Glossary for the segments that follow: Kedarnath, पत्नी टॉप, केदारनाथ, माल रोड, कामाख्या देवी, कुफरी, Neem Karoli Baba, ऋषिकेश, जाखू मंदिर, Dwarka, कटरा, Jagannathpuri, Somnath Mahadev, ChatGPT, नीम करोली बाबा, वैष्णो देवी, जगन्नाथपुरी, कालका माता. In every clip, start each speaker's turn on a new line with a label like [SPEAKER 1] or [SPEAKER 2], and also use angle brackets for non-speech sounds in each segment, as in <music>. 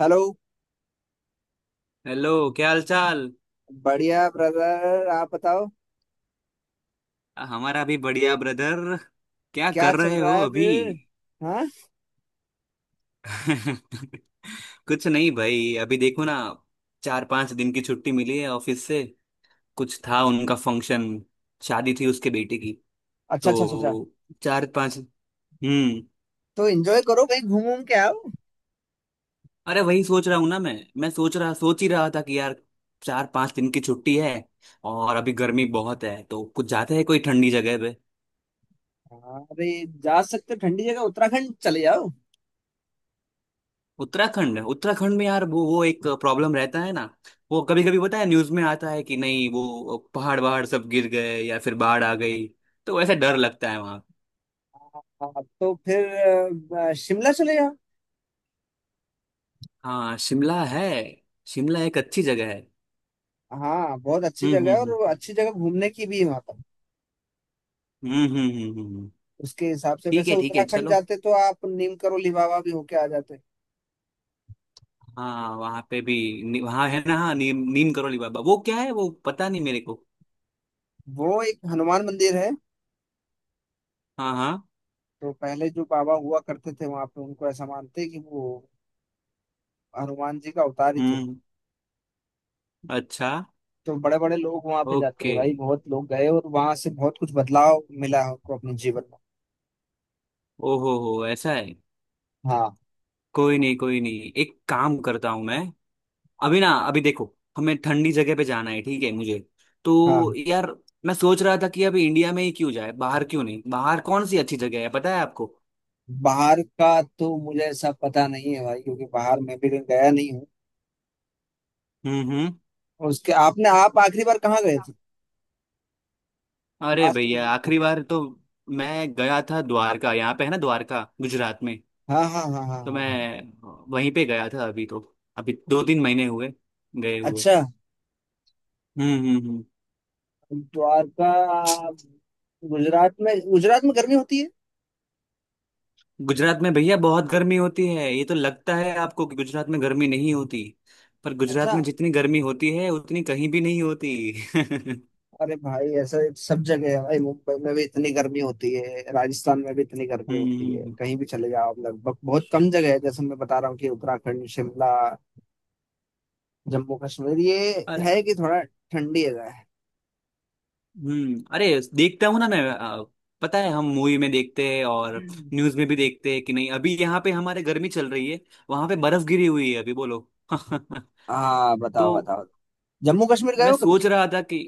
[SPEAKER 1] Hello.
[SPEAKER 2] Hello. क्या हाल चाल।
[SPEAKER 1] बढ़िया ब्रदर आप बताओ।
[SPEAKER 2] हमारा भी बढ़िया ब्रदर। क्या
[SPEAKER 1] क्या
[SPEAKER 2] कर
[SPEAKER 1] चल
[SPEAKER 2] रहे
[SPEAKER 1] रहा
[SPEAKER 2] हो
[SPEAKER 1] है
[SPEAKER 2] अभी।
[SPEAKER 1] फिर? हाँ।
[SPEAKER 2] <laughs> कुछ नहीं भाई, अभी देखो ना। चार पांच दिन की छुट्टी मिली है ऑफिस से। कुछ था उनका फंक्शन। शादी थी उसके बेटे की।
[SPEAKER 1] अच्छा अच्छा अच्छा अच्छा।
[SPEAKER 2] तो चार पांच। हम्म।
[SPEAKER 1] तो एंजॉय करो कहीं घूम घूम के आओ।
[SPEAKER 2] अरे, वही सोच रहा हूँ ना मैं। मैं सोच ही रहा था कि यार, चार पांच दिन की छुट्टी है। और अभी गर्मी बहुत है, तो कुछ जाते हैं कोई ठंडी जगह।
[SPEAKER 1] हाँ, अरे जा सकते हो ठंडी जगह उत्तराखंड चले जाओ।
[SPEAKER 2] उत्तराखंड, उत्तराखंड में यार वो एक प्रॉब्लम रहता है ना। वो कभी कभी पता है न्यूज में आता है कि नहीं, वो पहाड़ वहाड़ सब गिर गए या फिर बाढ़ आ गई। तो वैसे डर लगता है वहां।
[SPEAKER 1] हाँ, तो फिर शिमला चले जाओ।
[SPEAKER 2] हाँ शिमला है। शिमला एक अच्छी जगह है।
[SPEAKER 1] हाँ बहुत अच्छी
[SPEAKER 2] हम्म
[SPEAKER 1] जगह है और
[SPEAKER 2] हम्म
[SPEAKER 1] वो अच्छी जगह घूमने की भी है वहाँ पर।
[SPEAKER 2] हम्म।
[SPEAKER 1] उसके हिसाब से
[SPEAKER 2] ठीक
[SPEAKER 1] वैसे
[SPEAKER 2] है, ठीक है,
[SPEAKER 1] उत्तराखंड
[SPEAKER 2] चलो।
[SPEAKER 1] जाते तो आप नीम करोली बाबा भी होके आ जाते।
[SPEAKER 2] हाँ वहाँ पे भी। वहाँ है ना। हाँ, नीम नीम करोली बाबा वो क्या है वो पता नहीं मेरे को।
[SPEAKER 1] वो एक हनुमान मंदिर है।
[SPEAKER 2] हाँ हाँ।
[SPEAKER 1] तो पहले जो बाबा हुआ करते थे वहां पे उनको ऐसा मानते हैं कि वो हनुमान जी का अवतार ही थे।
[SPEAKER 2] हम्म। अच्छा।
[SPEAKER 1] तो बड़े बड़े लोग वहां पे जाते
[SPEAKER 2] ओके।
[SPEAKER 1] हैं भाई, बहुत लोग गए और वहां से बहुत कुछ बदलाव मिला है उनको अपने जीवन में।
[SPEAKER 2] ओहो हो, ऐसा है।
[SPEAKER 1] हाँ
[SPEAKER 2] कोई नहीं कोई नहीं, एक काम करता हूँ मैं। अभी ना, अभी देखो। हमें ठंडी जगह पे जाना है, ठीक है मुझे। तो
[SPEAKER 1] हाँ।
[SPEAKER 2] यार, मैं सोच रहा था कि अभी इंडिया में ही क्यों जाए, बाहर क्यों नहीं, बाहर कौन सी अच्छी जगह है पता है आपको।
[SPEAKER 1] बाहर का तो मुझे ऐसा पता नहीं है भाई क्योंकि बाहर मैं भी गया नहीं हूँ।
[SPEAKER 2] हम्म।
[SPEAKER 1] और उसके आपने आप आखिरी बार कहाँ गए थे?
[SPEAKER 2] अरे
[SPEAKER 1] लास्ट
[SPEAKER 2] भैया,
[SPEAKER 1] विजिट।
[SPEAKER 2] आखिरी बार तो मैं गया था द्वारका, यहाँ पे है ना द्वारका, गुजरात में।
[SPEAKER 1] कहाँ? हाँ हाँ हाँ हाँ
[SPEAKER 2] तो
[SPEAKER 1] हाँ हाँ।
[SPEAKER 2] मैं वहीं पे गया था अभी तो। अभी दो तीन महीने हुए गए हुए।
[SPEAKER 1] अच्छा।
[SPEAKER 2] हम्म।
[SPEAKER 1] द्वारका। गुजरात में, गुजरात में गर्मी होती है।
[SPEAKER 2] गुजरात में भैया बहुत गर्मी होती है। ये तो लगता है आपको कि गुजरात में गर्मी नहीं होती। पर गुजरात
[SPEAKER 1] अच्छा।
[SPEAKER 2] में जितनी गर्मी होती है उतनी कहीं भी नहीं होती। <laughs>
[SPEAKER 1] अरे भाई ऐसा सब जगह है भाई, मुंबई में भी इतनी गर्मी होती है, राजस्थान में भी इतनी गर्मी होती है,
[SPEAKER 2] हम्म
[SPEAKER 1] कहीं भी चले जाओ आप। लगभग बहुत कम जगह है जैसे मैं बता रहा हूँ कि उत्तराखंड, शिमला, जम्मू कश्मीर, ये
[SPEAKER 2] अरे।
[SPEAKER 1] है कि थोड़ा ठंडी जगह है।
[SPEAKER 2] अरे, देखता हूँ ना मैं। पता है हम मूवी में देखते हैं और न्यूज में भी देखते हैं कि नहीं अभी यहाँ पे हमारे गर्मी चल रही है। वहां पे बर्फ गिरी हुई है अभी, बोलो। <laughs>
[SPEAKER 1] हाँ
[SPEAKER 2] तो
[SPEAKER 1] बताओ बताओ। जम्मू कश्मीर गए
[SPEAKER 2] मैं
[SPEAKER 1] हो कभी?
[SPEAKER 2] सोच रहा था कि,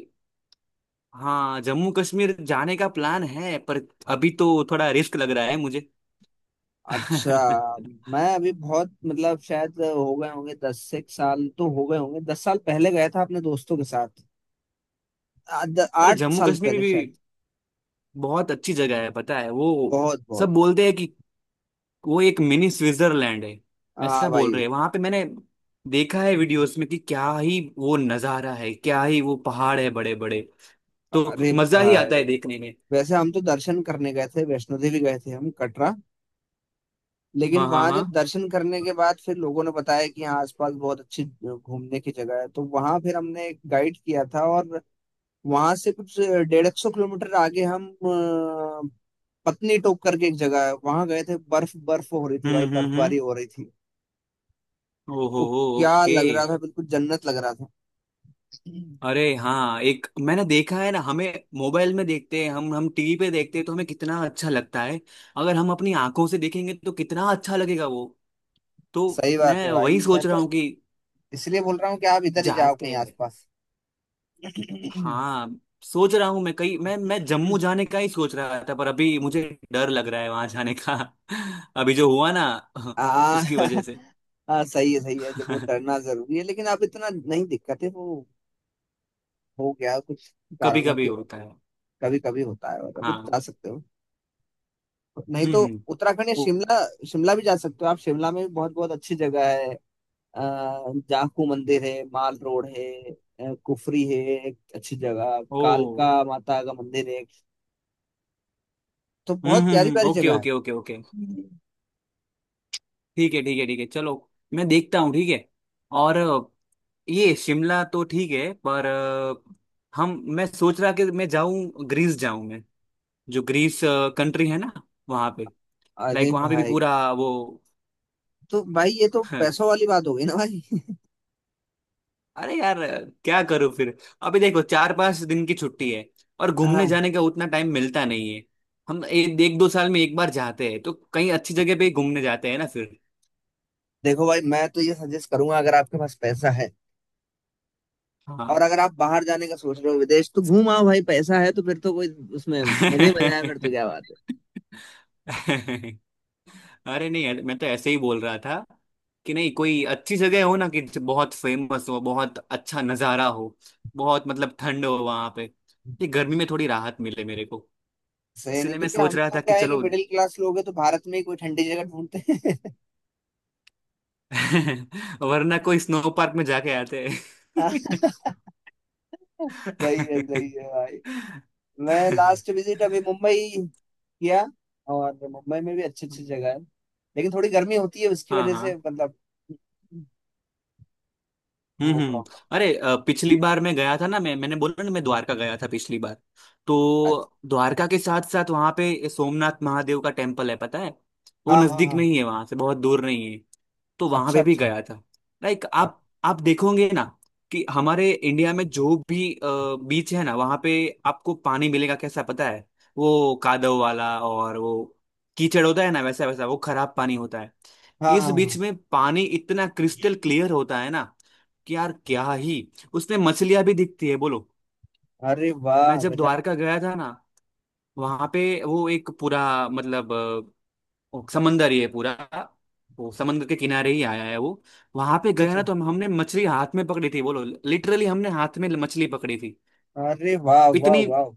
[SPEAKER 2] हाँ, जम्मू कश्मीर जाने का प्लान है पर अभी तो थोड़ा रिस्क लग रहा है मुझे।
[SPEAKER 1] अच्छा।
[SPEAKER 2] <laughs>
[SPEAKER 1] मैं अभी बहुत, मतलब शायद हो गए होंगे दस से एक साल, तो हो गए होंगे 10 साल पहले गया था अपने दोस्तों के साथ।
[SPEAKER 2] अरे
[SPEAKER 1] आठ
[SPEAKER 2] जम्मू
[SPEAKER 1] साल
[SPEAKER 2] कश्मीर भी,
[SPEAKER 1] पहले शायद।
[SPEAKER 2] भी बहुत अच्छी जगह है पता है वो।
[SPEAKER 1] बहुत बहुत।
[SPEAKER 2] सब बोलते हैं कि वो एक मिनी स्विट्जरलैंड है।
[SPEAKER 1] हाँ
[SPEAKER 2] ऐसा बोल
[SPEAKER 1] भाई।
[SPEAKER 2] रहे हैं, वहां पे मैंने देखा है वीडियोस में कि क्या ही वो नजारा है, क्या ही वो पहाड़ है बड़े बड़े। तो
[SPEAKER 1] अरे
[SPEAKER 2] मजा ही आता
[SPEAKER 1] भाई।
[SPEAKER 2] है देखने में।
[SPEAKER 1] वैसे हम तो दर्शन करने गए थे, वैष्णो देवी गए थे हम, कटरा। लेकिन
[SPEAKER 2] हाँ हाँ
[SPEAKER 1] वहां
[SPEAKER 2] हाँ।
[SPEAKER 1] जब दर्शन करने के बाद फिर लोगों ने बताया कि यहाँ आसपास बहुत अच्छी घूमने की जगह है, तो वहां फिर हमने एक गाइड किया था और वहां से कुछ डेढ़ एक सौ किलोमीटर आगे हम पत्नी टॉप करके एक जगह है, वहां गए थे। बर्फ बर्फ हो रही थी भाई,
[SPEAKER 2] हम्म।
[SPEAKER 1] बर्फबारी हो रही थी
[SPEAKER 2] ओहो।
[SPEAKER 1] वो। क्या
[SPEAKER 2] ओके।
[SPEAKER 1] लग रहा था, बिल्कुल जन्नत लग रहा था।
[SPEAKER 2] अरे हाँ, एक मैंने देखा है ना, हमें मोबाइल में देखते हैं, हम टीवी पे देखते हैं तो हमें कितना अच्छा लगता है। अगर हम अपनी आंखों से देखेंगे तो कितना अच्छा लगेगा वो। तो
[SPEAKER 1] सही बात
[SPEAKER 2] मैं
[SPEAKER 1] है
[SPEAKER 2] वही
[SPEAKER 1] भाई, मैं
[SPEAKER 2] सोच
[SPEAKER 1] तो
[SPEAKER 2] रहा हूँ कि
[SPEAKER 1] इसलिए बोल रहा हूँ कि आप इधर ही जाओ कहीं
[SPEAKER 2] जाते हैं।
[SPEAKER 1] आसपास।
[SPEAKER 2] हाँ, सोच रहा हूँ मैं कहीं, मैं जम्मू जाने का ही सोच रहा था पर अभी मुझे डर लग रहा है वहां जाने का। <laughs> अभी जो हुआ ना।
[SPEAKER 1] आ,
[SPEAKER 2] <laughs> उसकी वजह
[SPEAKER 1] <laughs>
[SPEAKER 2] से। <laughs>
[SPEAKER 1] हाँ सही है सही है, जब वो डरना जरूरी है लेकिन अब इतना नहीं दिक्कत है वो। हो गया कुछ
[SPEAKER 2] कभी
[SPEAKER 1] कारणों
[SPEAKER 2] कभी
[SPEAKER 1] के।
[SPEAKER 2] होता है।
[SPEAKER 1] कभी कभी होता है और अभी
[SPEAKER 2] हाँ
[SPEAKER 1] जा सकते हो, नहीं
[SPEAKER 2] हम्म
[SPEAKER 1] तो
[SPEAKER 2] हम्म,
[SPEAKER 1] उत्तराखंड या
[SPEAKER 2] ओ
[SPEAKER 1] शिमला। शिमला भी जा सकते हो आप, शिमला में भी बहुत बहुत अच्छी जगह है। अ, जाखू मंदिर है, माल रोड है, कुफरी है, एक अच्छी जगह
[SPEAKER 2] ओ।
[SPEAKER 1] कालका माता का मंदिर है। तो बहुत प्यारी प्यारी
[SPEAKER 2] ओके
[SPEAKER 1] जगह है।
[SPEAKER 2] Okay okay okay. ठीक है ठीक है ठीक है, चलो। मैं देखता हूँ, ठीक है। और ये शिमला तो ठीक है पर, हम मैं सोच रहा कि मैं जाऊं, ग्रीस जाऊं। जो ग्रीस कंट्री है ना, वहां पे
[SPEAKER 1] अरे
[SPEAKER 2] लाइक वहां पे भी
[SPEAKER 1] भाई।
[SPEAKER 2] पूरा वो।
[SPEAKER 1] तो भाई ये तो पैसों
[SPEAKER 2] <laughs>
[SPEAKER 1] वाली बात हो गई ना भाई।
[SPEAKER 2] अरे यार, क्या करूं फिर। अभी देखो, चार पांच दिन की छुट्टी है और घूमने
[SPEAKER 1] हाँ,
[SPEAKER 2] जाने का उतना टाइम मिलता नहीं है। हम एक दो साल में एक बार जाते हैं तो कहीं अच्छी जगह पे ही घूमने जाते हैं ना फिर।
[SPEAKER 1] देखो भाई मैं तो ये सजेस्ट करूंगा, अगर आपके पास पैसा है और
[SPEAKER 2] हाँ।
[SPEAKER 1] अगर आप बाहर जाने का सोच रहे हो विदेश, तो घूम आओ भाई। पैसा है तो फिर तो कोई, उसमें मजे ही मजा है, फिर तो क्या बात है।
[SPEAKER 2] <laughs> अरे नहीं यार, मैं तो ऐसे ही बोल रहा था कि नहीं कोई अच्छी जगह हो ना, कि जो बहुत फेमस हो, बहुत अच्छा नज़ारा हो, बहुत मतलब ठंड हो वहां पे, ये गर्मी में थोड़ी राहत मिले मेरे को।
[SPEAKER 1] सही नहीं,
[SPEAKER 2] इसलिए मैं
[SPEAKER 1] क्योंकि
[SPEAKER 2] सोच
[SPEAKER 1] हम
[SPEAKER 2] रहा
[SPEAKER 1] तो
[SPEAKER 2] था कि
[SPEAKER 1] क्या है कि
[SPEAKER 2] चलो,
[SPEAKER 1] मिडिल क्लास लोग हैं तो भारत में ही कोई ठंडी जगह ढूंढते हैं।
[SPEAKER 2] <laughs> वरना कोई स्नो पार्क में जाके आते हैं।
[SPEAKER 1] <laughs> सही है भाई। मैं लास्ट
[SPEAKER 2] <laughs>
[SPEAKER 1] विजिट अभी मुंबई किया, और मुंबई में भी अच्छी अच्छी जगह है लेकिन थोड़ी गर्मी होती है, उसकी
[SPEAKER 2] हाँ
[SPEAKER 1] वजह
[SPEAKER 2] हाँ
[SPEAKER 1] से मतलब
[SPEAKER 2] हम्म
[SPEAKER 1] वो
[SPEAKER 2] हम्म।
[SPEAKER 1] प्रॉब्लम।
[SPEAKER 2] अरे पिछली बार मैं गया था ना, मैंने बोला ना मैं द्वारका गया था पिछली बार। तो
[SPEAKER 1] अच्छा।
[SPEAKER 2] द्वारका के साथ साथ वहां पे सोमनाथ महादेव का टेम्पल है पता है। वो
[SPEAKER 1] हाँ हाँ
[SPEAKER 2] नजदीक में
[SPEAKER 1] हाँ।
[SPEAKER 2] ही है, वहां से बहुत दूर नहीं है। तो वहां
[SPEAKER 1] अच्छा
[SPEAKER 2] पे भी
[SPEAKER 1] अच्छा।
[SPEAKER 2] गया था। लाइक,
[SPEAKER 1] हाँ
[SPEAKER 2] आप देखोगे ना कि हमारे इंडिया में जो भी बीच है ना वहां पे आपको पानी मिलेगा कैसा पता है। वो कादव वाला और वो कीचड़ होता है ना, वैसा वैसा वो खराब पानी होता है।
[SPEAKER 1] हाँ
[SPEAKER 2] इस बीच
[SPEAKER 1] हाँ।
[SPEAKER 2] में पानी इतना क्रिस्टल क्लियर होता है ना, कि यार क्या ही, उसमें मछलियां भी दिखती है बोलो।
[SPEAKER 1] अरे
[SPEAKER 2] मैं
[SPEAKER 1] वाह
[SPEAKER 2] जब
[SPEAKER 1] गजब।
[SPEAKER 2] द्वारका गया था ना, वहां पे वो एक पूरा, मतलब, वो समंदर ही है पूरा। वो समंदर के किनारे ही आया है वो। वहां पे
[SPEAKER 1] अच्छा
[SPEAKER 2] गया
[SPEAKER 1] अच्छा।
[SPEAKER 2] ना तो हमने मछली हाथ में पकड़ी थी बोलो। लिटरली हमने हाथ में मछली पकड़ी थी,
[SPEAKER 1] अरे वाह वाह
[SPEAKER 2] इतनी।
[SPEAKER 1] वाह।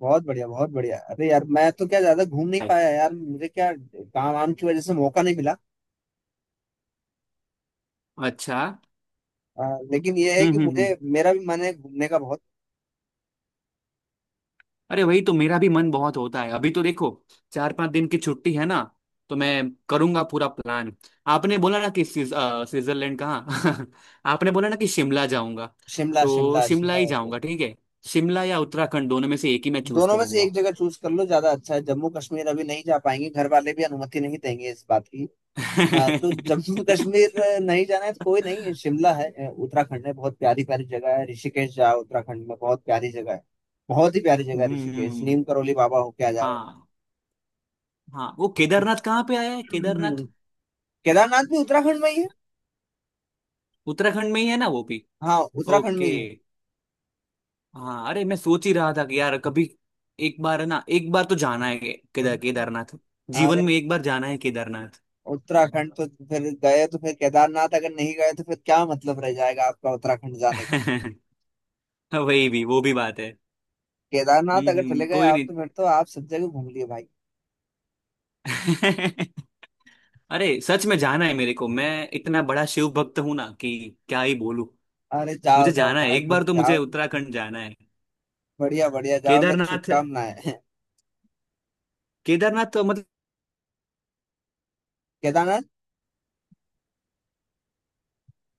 [SPEAKER 1] बहुत बढ़िया बहुत बढ़िया, अरे यार मैं तो क्या, ज्यादा घूम नहीं पाया यार, मुझे क्या काम वाम की वजह से मौका नहीं मिला।
[SPEAKER 2] अच्छा
[SPEAKER 1] लेकिन यह है
[SPEAKER 2] हम्म
[SPEAKER 1] कि
[SPEAKER 2] हम्म हम्म।
[SPEAKER 1] मुझे, मेरा भी मन है घूमने का बहुत।
[SPEAKER 2] अरे वही तो मेरा भी मन बहुत होता है, अभी तो देखो चार पांच दिन की छुट्टी है ना। तो मैं करूंगा पूरा प्लान। आपने बोला ना कि स्विट्जरलैंड कहाँ। <laughs> आपने बोला ना कि शिमला जाऊंगा।
[SPEAKER 1] शिमला
[SPEAKER 2] तो
[SPEAKER 1] शिमला
[SPEAKER 2] शिमला
[SPEAKER 1] शिमला
[SPEAKER 2] ही
[SPEAKER 1] बहुत
[SPEAKER 2] जाऊंगा,
[SPEAKER 1] बढ़िया।
[SPEAKER 2] ठीक है। शिमला या उत्तराखंड दोनों में से एक ही मैं चूज
[SPEAKER 1] दोनों में से
[SPEAKER 2] करूंगा।
[SPEAKER 1] एक जगह चूज कर लो, ज्यादा अच्छा है। जम्मू कश्मीर अभी नहीं जा पाएंगे, घर वाले भी अनुमति नहीं देंगे इस बात की। हाँ, तो जम्मू कश्मीर
[SPEAKER 2] <laughs>
[SPEAKER 1] नहीं जाना है तो कोई नहीं, शिमला है उत्तराखंड है, बहुत प्यारी प्यारी जगह है। ऋषिकेश जाओ, उत्तराखंड में बहुत प्यारी जगह है। बहुत ही प्यारी जगह है ऋषिकेश,
[SPEAKER 2] हम्म।
[SPEAKER 1] नीम करोली बाबा होके आ जाओ।
[SPEAKER 2] हाँ हाँ, वो केदारनाथ कहाँ पे आया है,
[SPEAKER 1] हम्म,
[SPEAKER 2] केदारनाथ
[SPEAKER 1] केदारनाथ भी उत्तराखंड में ही है।
[SPEAKER 2] उत्तराखंड में ही है ना वो भी।
[SPEAKER 1] हाँ उत्तराखंड में
[SPEAKER 2] ओके।
[SPEAKER 1] ही है।
[SPEAKER 2] हाँ अरे, मैं सोच ही रहा था कि यार कभी एक बार है ना, एक बार तो जाना है के- केदार केदारनाथ। जीवन
[SPEAKER 1] अरे
[SPEAKER 2] में एक बार जाना है केदारनाथ।
[SPEAKER 1] उत्तराखंड तो फिर गए तो फिर केदारनाथ अगर नहीं गए तो फिर क्या मतलब रह जाएगा आपका उत्तराखंड जाने का।
[SPEAKER 2] <laughs> वही भी वो भी बात है।
[SPEAKER 1] केदारनाथ अगर चले गए
[SPEAKER 2] कोई
[SPEAKER 1] आप,
[SPEAKER 2] नहीं।
[SPEAKER 1] तो फिर तो आप सब जगह घूम लिए भाई।
[SPEAKER 2] <laughs> अरे सच में जाना है मेरे को, मैं इतना बड़ा शिव भक्त हूं ना कि क्या ही बोलूं।
[SPEAKER 1] अरे
[SPEAKER 2] मुझे
[SPEAKER 1] जाओ जाओ
[SPEAKER 2] जाना है
[SPEAKER 1] भाई,
[SPEAKER 2] एक
[SPEAKER 1] फिर
[SPEAKER 2] बार, तो मुझे
[SPEAKER 1] जाओ।
[SPEAKER 2] उत्तराखंड जाना है
[SPEAKER 1] बढ़िया बढ़िया, जाओ, मेरी
[SPEAKER 2] केदारनाथ।
[SPEAKER 1] शुभकामनाएं।
[SPEAKER 2] केदारनाथ तो मतलब
[SPEAKER 1] केदारनाथ।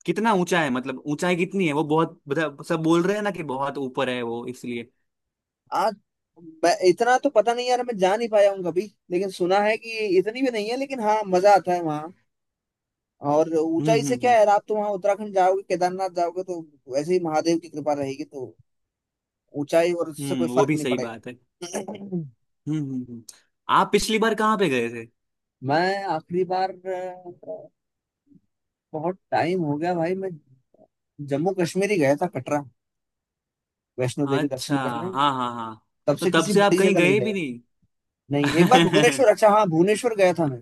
[SPEAKER 2] कितना ऊंचा है, मतलब ऊंचाई कितनी है वो बहुत, सब बोल रहे हैं ना कि बहुत ऊपर है वो इसलिए।
[SPEAKER 1] आज मैं इतना तो पता नहीं यार, मैं जा नहीं पाया हूँ कभी, लेकिन सुना है कि इतनी भी नहीं है, लेकिन हाँ मजा आता है वहाँ। और
[SPEAKER 2] हम्म
[SPEAKER 1] ऊंचाई से
[SPEAKER 2] हम्म
[SPEAKER 1] क्या
[SPEAKER 2] हम्म
[SPEAKER 1] है, आप तो वहाँ उत्तराखंड जाओगे, केदारनाथ जाओगे तो वैसे ही महादेव की कृपा रहेगी, तो ऊंचाई और उससे कोई
[SPEAKER 2] वो
[SPEAKER 1] फर्क
[SPEAKER 2] भी
[SPEAKER 1] नहीं
[SPEAKER 2] सही
[SPEAKER 1] पड़ेगा।
[SPEAKER 2] बात है।
[SPEAKER 1] <coughs> <clears throat>
[SPEAKER 2] हम्म हम्म, हम्म। आप पिछली बार कहाँ पे गए थे।
[SPEAKER 1] मैं आखिरी बार बहुत टाइम हो गया भाई, मैं जम्मू कश्मीर ही गया था, कटरा, वैष्णो देवी दर्शन
[SPEAKER 2] अच्छा।
[SPEAKER 1] करने।
[SPEAKER 2] हाँ हाँ हाँ।
[SPEAKER 1] तब
[SPEAKER 2] तो
[SPEAKER 1] से
[SPEAKER 2] तब
[SPEAKER 1] किसी
[SPEAKER 2] से आप
[SPEAKER 1] बड़ी
[SPEAKER 2] कहीं
[SPEAKER 1] जगह नहीं
[SPEAKER 2] गए भी
[SPEAKER 1] गया। नहीं एक बार
[SPEAKER 2] नहीं।
[SPEAKER 1] भुवनेश्वर, अच्छा
[SPEAKER 2] <laughs>
[SPEAKER 1] हाँ, भुवनेश्वर गया था मैं,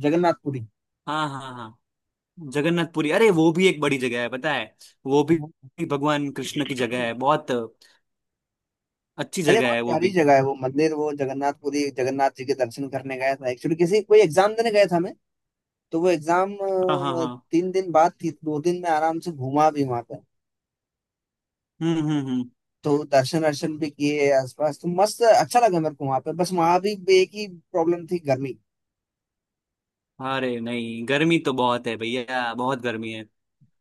[SPEAKER 1] जगन्नाथपुरी।
[SPEAKER 2] हाँ हाँ हाँ। जगन्नाथपुरी, अरे वो भी एक बड़ी जगह है पता है। वो भी भगवान कृष्ण की जगह है, बहुत अच्छी
[SPEAKER 1] अरे
[SPEAKER 2] जगह
[SPEAKER 1] बहुत
[SPEAKER 2] है वो
[SPEAKER 1] प्यारी
[SPEAKER 2] भी।
[SPEAKER 1] जगह है वो मंदिर, वो जगन्नाथपुरी, जगन्नाथ जी के दर्शन करने गया था। एक्चुअली किसी, कोई एग्जाम देने गया था मैं। तो वो एग्जाम
[SPEAKER 2] हाँ हाँ हाँ।
[SPEAKER 1] 3 दिन बाद थी, 2 दिन में आराम से घूमा भी वहां पे,
[SPEAKER 2] हम्म।
[SPEAKER 1] तो दर्शन दर्शन भी किए आसपास, तो मस्त अच्छा लगा मेरे को वहां पे। बस वहां भी एक ही प्रॉब्लम थी, गर्मी।
[SPEAKER 2] अरे नहीं, गर्मी तो बहुत है भैया, बहुत गर्मी है।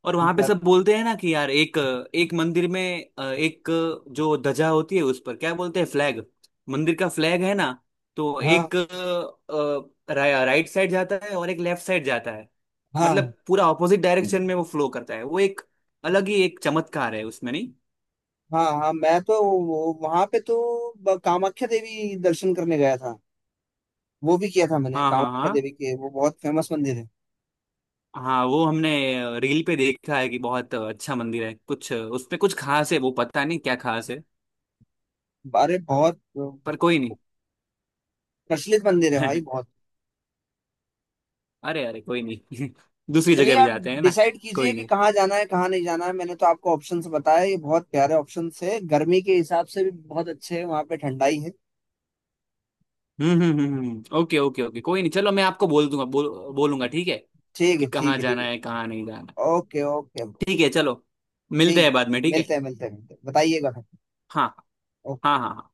[SPEAKER 2] और वहां पे सब बोलते हैं ना कि यार एक एक मंदिर में, एक जो ध्वजा होती है उस पर क्या बोलते हैं, फ्लैग। मंदिर का फ्लैग है ना, तो
[SPEAKER 1] हाँ
[SPEAKER 2] एक राइट साइड जाता है और एक लेफ्ट साइड जाता है।
[SPEAKER 1] हाँ
[SPEAKER 2] मतलब पूरा ऑपोजिट डायरेक्शन में वो फ्लो करता है, वो एक अलग ही एक चमत्कार है उसमें नहीं।
[SPEAKER 1] हाँ हाँ, मैं तो वहां पे तो कामाख्या देवी दर्शन करने गया था, वो भी किया था मैंने,
[SPEAKER 2] हाँ हाँ
[SPEAKER 1] कामाख्या
[SPEAKER 2] हाँ।
[SPEAKER 1] देवी के, वो बहुत फेमस मंदिर है।
[SPEAKER 2] हाँ, वो हमने रील पे देखा है कि बहुत अच्छा मंदिर है, कुछ उसमें कुछ खास है वो, पता नहीं क्या खास है।
[SPEAKER 1] अरे बहुत
[SPEAKER 2] पर कोई नहीं।
[SPEAKER 1] प्रचलित मंदिर है भाई, बहुत।
[SPEAKER 2] <laughs> अरे अरे कोई नहीं। <laughs> दूसरी
[SPEAKER 1] चलिए
[SPEAKER 2] जगह भी
[SPEAKER 1] आप
[SPEAKER 2] जाते हैं ना,
[SPEAKER 1] डिसाइड कीजिए
[SPEAKER 2] कोई
[SPEAKER 1] कि
[SPEAKER 2] नहीं।
[SPEAKER 1] कहाँ जाना है कहाँ नहीं जाना है। मैंने तो आपको ऑप्शंस बताए, ये बहुत प्यारे ऑप्शंस है, गर्मी के हिसाब से भी बहुत अच्छे हैं, वहाँ पे ठंडाई है।
[SPEAKER 2] हम्म। ओके ओके ओके, कोई नहीं चलो, मैं आपको बोल दूंगा, बोलूंगा ठीक है,
[SPEAKER 1] ठीक
[SPEAKER 2] कि
[SPEAKER 1] है ठीक
[SPEAKER 2] कहाँ
[SPEAKER 1] है ठीक
[SPEAKER 2] जाना
[SPEAKER 1] है।
[SPEAKER 2] है कहाँ नहीं जाना।
[SPEAKER 1] Okay okay.
[SPEAKER 2] ठीक है चलो, मिलते
[SPEAKER 1] ठीक
[SPEAKER 2] हैं
[SPEAKER 1] है।
[SPEAKER 2] बाद में, ठीक है।
[SPEAKER 1] मिलते हैं मिलते हैं मिलते हैं, बताइएगा फिर।
[SPEAKER 2] हाँ हाँ हाँ हाँ।